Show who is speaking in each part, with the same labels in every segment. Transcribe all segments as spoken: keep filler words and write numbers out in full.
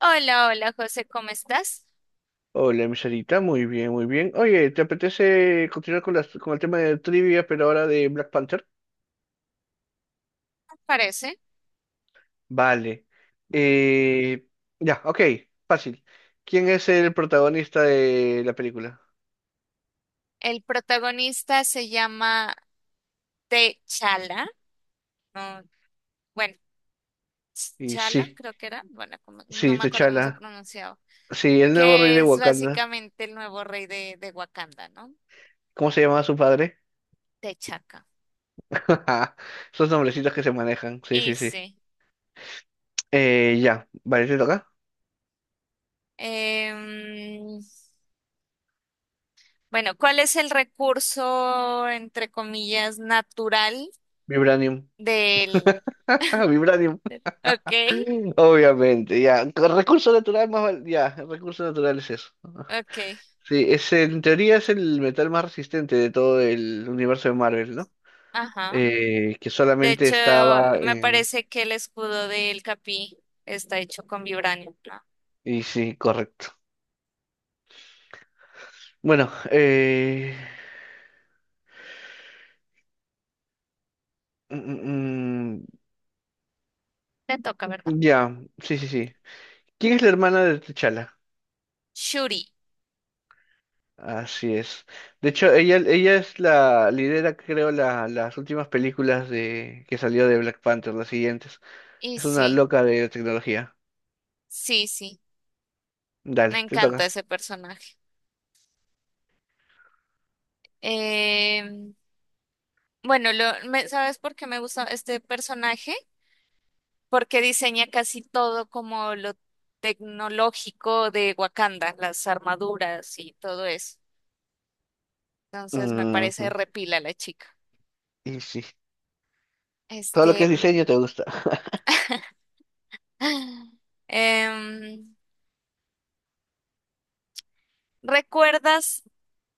Speaker 1: Hola, hola José, ¿cómo estás?
Speaker 2: Hola, miserita, muy bien, muy bien. Oye, ¿te apetece continuar con, las, con el tema de trivia, pero ahora de Black Panther?
Speaker 1: Parece.
Speaker 2: Vale. Eh, ya, ok, fácil. ¿Quién es el protagonista de la película?
Speaker 1: El protagonista se llama T'Challa, no, bueno,
Speaker 2: Y
Speaker 1: Chala
Speaker 2: sí,
Speaker 1: creo que era, bueno, como- no
Speaker 2: sí,
Speaker 1: me acuerdo cómo se
Speaker 2: T'Challa.
Speaker 1: pronunciaba,
Speaker 2: Sí, el nuevo rey
Speaker 1: que
Speaker 2: de
Speaker 1: es
Speaker 2: Wakanda.
Speaker 1: básicamente el nuevo rey de, de Wakanda, ¿no?
Speaker 2: ¿Cómo se llamaba su padre?
Speaker 1: T'Chaka.
Speaker 2: Esos nombrecitos que se manejan. Sí,
Speaker 1: Y
Speaker 2: sí, sí.
Speaker 1: sí.
Speaker 2: Eh, ya, vale, ¿te toca?
Speaker 1: em, bueno, ¿cuál es el recurso, entre comillas, natural
Speaker 2: Vibranium.
Speaker 1: del...
Speaker 2: Vibranium.
Speaker 1: Ok,
Speaker 2: Obviamente, ya. Recurso natural más val- ya, recurso natural es eso.
Speaker 1: ok,
Speaker 2: Sí, es, el- en teoría es el metal más resistente de todo el universo de Marvel, ¿no?
Speaker 1: ajá.
Speaker 2: Eh, que
Speaker 1: De
Speaker 2: solamente
Speaker 1: hecho,
Speaker 2: estaba
Speaker 1: me
Speaker 2: en...
Speaker 1: parece que el escudo del Capi está hecho con vibranio, ¿no?
Speaker 2: Y sí, correcto. Bueno, eh... mm, mm,
Speaker 1: Te toca, ¿verdad?
Speaker 2: mm, ya, sí, sí, sí. ¿Quién es la hermana de T'Challa?
Speaker 1: Shuri.
Speaker 2: Así es. De hecho, ella, ella es la lidera, creo, la, las últimas películas de que salió de Black Panther, las siguientes.
Speaker 1: Y
Speaker 2: Es una
Speaker 1: sí,
Speaker 2: loca de tecnología.
Speaker 1: sí, sí. Me
Speaker 2: Dale, te
Speaker 1: encanta
Speaker 2: toca.
Speaker 1: ese personaje. Em, bueno, lo, me- ¿sabes por qué me gusta este personaje? Porque diseña casi todo como lo tecnológico de Wakanda, las armaduras y todo eso. Entonces me parece
Speaker 2: Ujú,
Speaker 1: repila la chica.
Speaker 2: y sí, todo lo que
Speaker 1: Este.
Speaker 2: es
Speaker 1: mm,
Speaker 2: diseño te gusta.
Speaker 1: em, ¿Recuerdas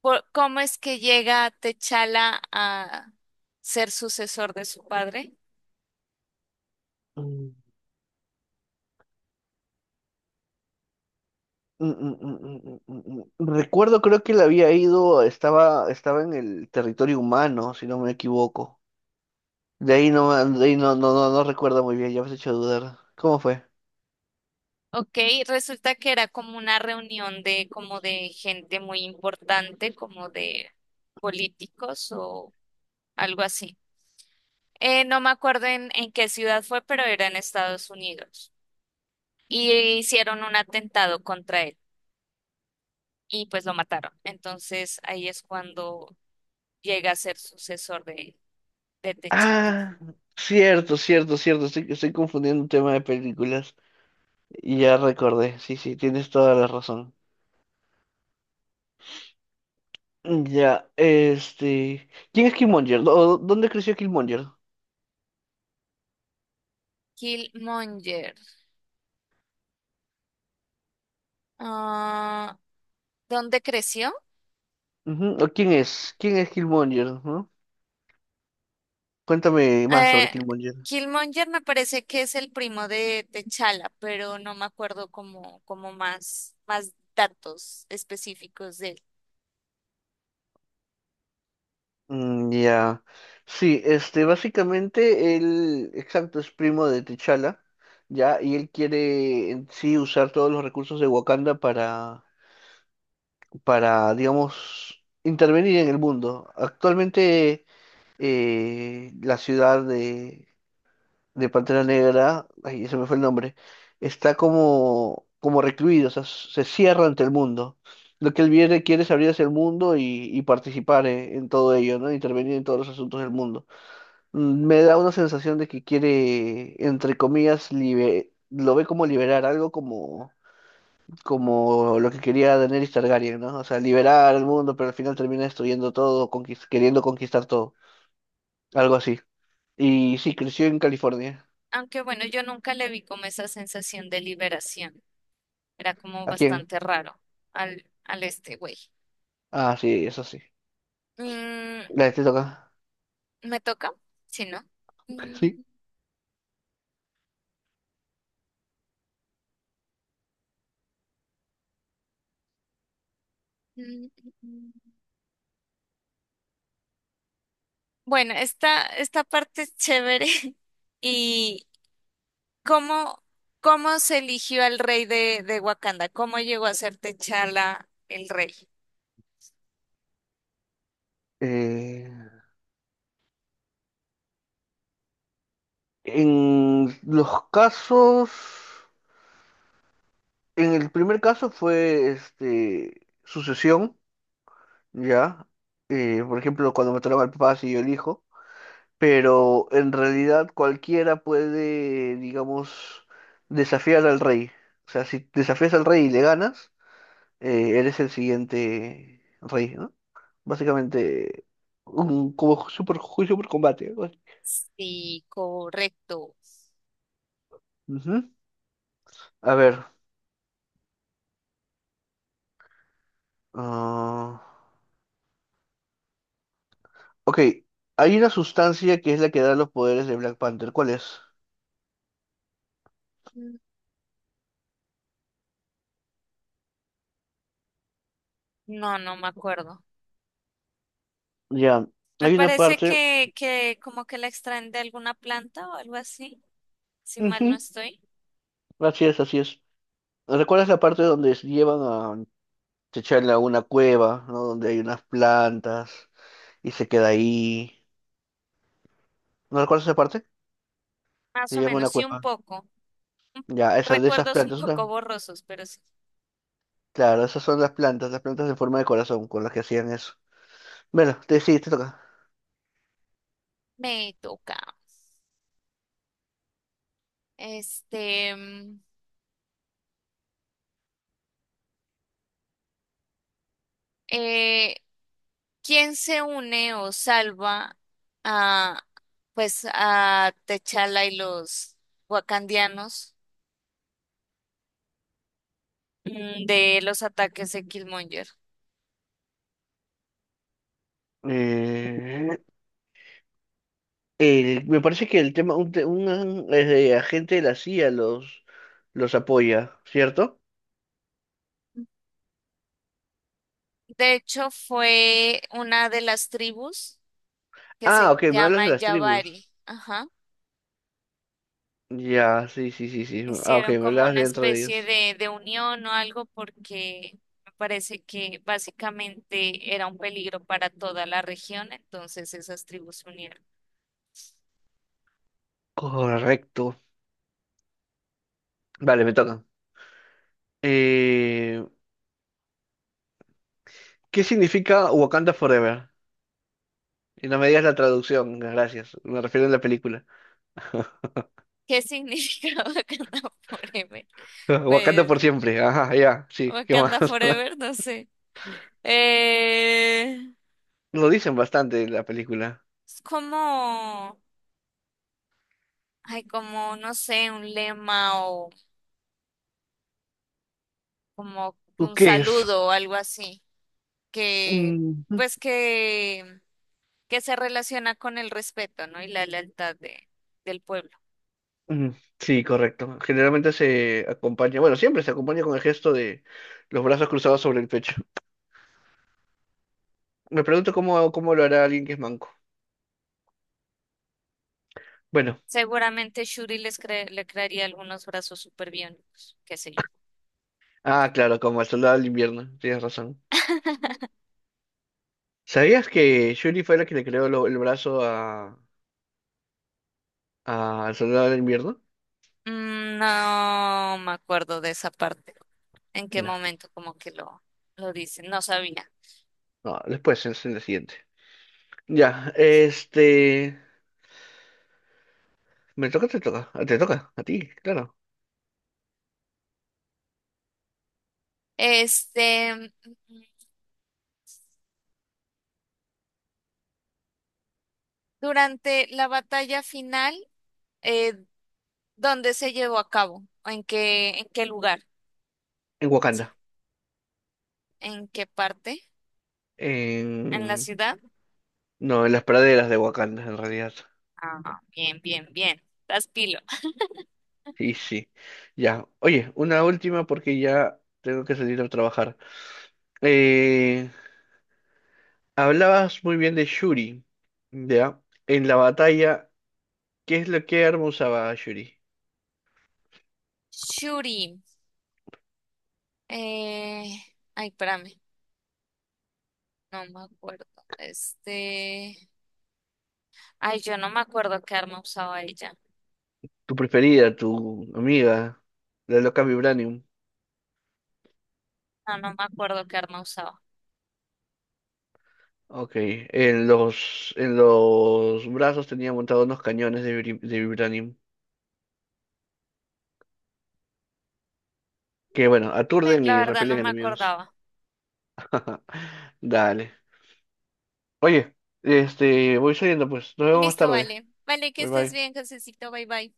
Speaker 1: por- cómo es que llega Techala a ser sucesor de su padre?
Speaker 2: Mm, mm, mm, mm, mm, mm, mm. Recuerdo, creo que le había ido, estaba, estaba en el territorio humano, si no me equivoco. De ahí no, de ahí no, no, no, no recuerdo muy bien, ya me has hecho dudar. ¿Cómo fue?
Speaker 1: Ok, resulta que era como una reunión de como de gente muy importante, como de políticos o algo así. Eh, no me acuerdo en, en qué ciudad fue, pero era en Estados Unidos. Y hicieron un atentado contra él y pues lo mataron. Entonces ahí es cuando llega a ser sucesor de, de T'Challa.
Speaker 2: Ah, cierto, cierto, cierto, estoy, estoy confundiendo un tema de películas. Ya recordé, sí, sí, tienes toda la razón. Ya, este... ¿Quién es Killmonger? ¿Dó- ¿Dónde creció Killmonger?
Speaker 1: Killmonger. Ah, ¿dónde creció?
Speaker 2: Ujú, ¿o quién es? ¿Quién es Killmonger? ¿No? Cuéntame más
Speaker 1: Eh,
Speaker 2: sobre Killmonger.
Speaker 1: Killmonger me parece que es el primo de T'Challa, pero no me acuerdo como, como más, más datos específicos de él.
Speaker 2: Mm, ya. Sí, este, básicamente él, exacto, es primo de T'Challa, ya, y él quiere en sí usar todos los recursos de Wakanda para, para, digamos, intervenir en el mundo. Actualmente eh, la ciudad de, de Pantera Negra, ay, se me fue el nombre, está como, como recluido, o sea, se cierra ante el mundo. Lo que él viene- quiere es abrir hacia el mundo y, y participar en, en todo ello, ¿no? Intervenir en todos los asuntos del mundo. Mm, me da una sensación de que quiere, entre comillas, libe- lo ve como liberar, algo como, como lo que quería Daenerys Targaryen, ¿no? O sea, liberar al mundo, pero al final termina destruyendo todo, conquis- queriendo conquistar todo, algo así. Y sí, creció en California.
Speaker 1: Aunque bueno, yo nunca le vi como esa sensación de liberación. Era como
Speaker 2: ¿A quién?
Speaker 1: bastante raro al, al este güey.
Speaker 2: Ah, sí, eso sí.
Speaker 1: Mm,
Speaker 2: La que te toca.
Speaker 1: ¿me toca? Sí, ¿no? Mm,
Speaker 2: Sí.
Speaker 1: mm, mm, mm. Bueno, esta, esta parte es chévere y, ¿Cómo, cómo se eligió al rey de, de Wakanda? ¿Cómo llegó a ser T'Challa el rey?
Speaker 2: Eh, en los casos, en el primer caso fue este, sucesión. ¿Ya? Eh, por ejemplo, cuando me toca el papá, sí yo elijo, pero en realidad cualquiera puede, digamos, desafiar al rey. O sea, si desafías al rey y le ganas, eh, eres el siguiente rey, ¿no? Básicamente, un, como super, juicio por combate. Algo así.
Speaker 1: Sí, correcto.
Speaker 2: Ujú. A ver. ah, ok, hay una sustancia que es la que da los poderes de Black Panther. ¿Cuál es?
Speaker 1: Mm. No, no me acuerdo.
Speaker 2: Ya,
Speaker 1: Me
Speaker 2: hay una
Speaker 1: parece
Speaker 2: parte.
Speaker 1: que, que como que la extraen de alguna planta o algo así, si mal no
Speaker 2: Ujú,
Speaker 1: estoy.
Speaker 2: así es, así es. ¿Recuerdas la parte donde se llevan a T'Challa a una cueva, ¿no? Donde hay unas plantas y se queda ahí. ¿No recuerdas esa parte?
Speaker 1: Más
Speaker 2: Se
Speaker 1: o
Speaker 2: llevan a
Speaker 1: menos,
Speaker 2: una
Speaker 1: sí, un
Speaker 2: cueva.
Speaker 1: poco. Un-
Speaker 2: Ya, esas de esas
Speaker 1: Recuerdos un
Speaker 2: plantas,
Speaker 1: poco
Speaker 2: ¿no?
Speaker 1: borrosos, pero sí.
Speaker 2: Claro, esas son las plantas, las plantas en forma de corazón con las que hacían eso. Bueno, te, sí, te toca.
Speaker 1: Me toca. Este, mm, eh, ¿quién se une o salva a, pues, a T'Challa y los wakandianos mm, de los ataques de Killmonger?
Speaker 2: Eh, el- me parece que el tema, un, te- un, eh, agente de la C I A los, los apoya, ¿cierto?
Speaker 1: De hecho, fue una de las tribus que
Speaker 2: Ah,
Speaker 1: se
Speaker 2: ok, me hablas
Speaker 1: llama
Speaker 2: de las tribus.
Speaker 1: Yavari. Ajá.
Speaker 2: Ya, sí, sí, sí, sí. Ah, ok, me
Speaker 1: Hicieron como
Speaker 2: hablabas
Speaker 1: una
Speaker 2: dentro de
Speaker 1: especie
Speaker 2: ellos.
Speaker 1: de, de unión o algo porque me parece que básicamente era un peligro para toda la región, entonces esas tribus se unieron.
Speaker 2: Correcto. Vale, me toca. Eh, ¿qué significa Wakanda Forever? Y no me digas la traducción, gracias. Me refiero a la película.
Speaker 1: ¿Qué significa Wakanda Forever?
Speaker 2: Wakanda
Speaker 1: Pues,
Speaker 2: por siempre. Ajá, ya, sí, ¿qué más?
Speaker 1: Wakanda Forever, no sé. Eh,
Speaker 2: Lo dicen bastante en la película.
Speaker 1: es como, ay, como, no sé, un lema o como
Speaker 2: ¿Tú
Speaker 1: un
Speaker 2: qué es?
Speaker 1: saludo o algo así, que,
Speaker 2: Mm,
Speaker 1: pues que, que se relaciona con el respeto, ¿no? Y la lealtad de, del pueblo.
Speaker 2: mm, sí, correcto. Generalmente se acompaña, bueno, siempre se acompaña con el gesto de los brazos cruzados sobre el pecho. Me pregunto cómo, cómo lo hará alguien que es manco. Bueno,
Speaker 1: Seguramente Shuri les cre- le crearía algunos brazos superbiónicos, qué sé yo.
Speaker 2: ah, claro, como el soldado del invierno, tienes razón. ¿Sabías que Shuri fue la que le creó lo- el brazo a, ah, ¿el soldado del invierno?
Speaker 1: Mm, no me acuerdo de esa parte, en qué
Speaker 2: Ya.
Speaker 1: momento como que lo, lo dicen, no sabía.
Speaker 2: No, después, es en la siguiente. Ya, este... ¿Me toca o te toca? Ah, te toca, a ti, claro.
Speaker 1: Este, durante la batalla final, eh, ¿dónde se llevó a cabo? ¿O ¿en qué, en qué lugar?
Speaker 2: En
Speaker 1: Sí.
Speaker 2: Wakanda.
Speaker 1: ¿En qué parte? ¿En la
Speaker 2: En...
Speaker 1: ciudad?
Speaker 2: No, en las praderas de Wakanda, en realidad.
Speaker 1: Ah, bien, bien, bien. Estás pilo.
Speaker 2: Sí, sí. Ya. Oye, una última porque ya tengo que salir a trabajar. Eh, hablabas muy bien de Shuri, ¿ya? En la batalla, ¿qué es lo que arma usaba Shuri?
Speaker 1: Shuri. eh, Ay, espérame. No me acuerdo. Este. Ay, yo no me acuerdo qué arma usaba ella.
Speaker 2: Tu preferida, tu amiga, la loca Vibranium.
Speaker 1: No, no me acuerdo qué arma usaba.
Speaker 2: Ok, en los, en los brazos tenía montados unos cañones de, vibri- de vibranium que, bueno,
Speaker 1: Eh,
Speaker 2: aturden
Speaker 1: la
Speaker 2: y
Speaker 1: verdad, no
Speaker 2: repelen
Speaker 1: me
Speaker 2: enemigos.
Speaker 1: acordaba.
Speaker 2: Dale. Oye, este, voy saliendo pues. Nos vemos más
Speaker 1: Listo,
Speaker 2: tarde.
Speaker 1: vale. Vale, que
Speaker 2: Bye
Speaker 1: estés
Speaker 2: bye.
Speaker 1: bien, Josecito. Bye, bye.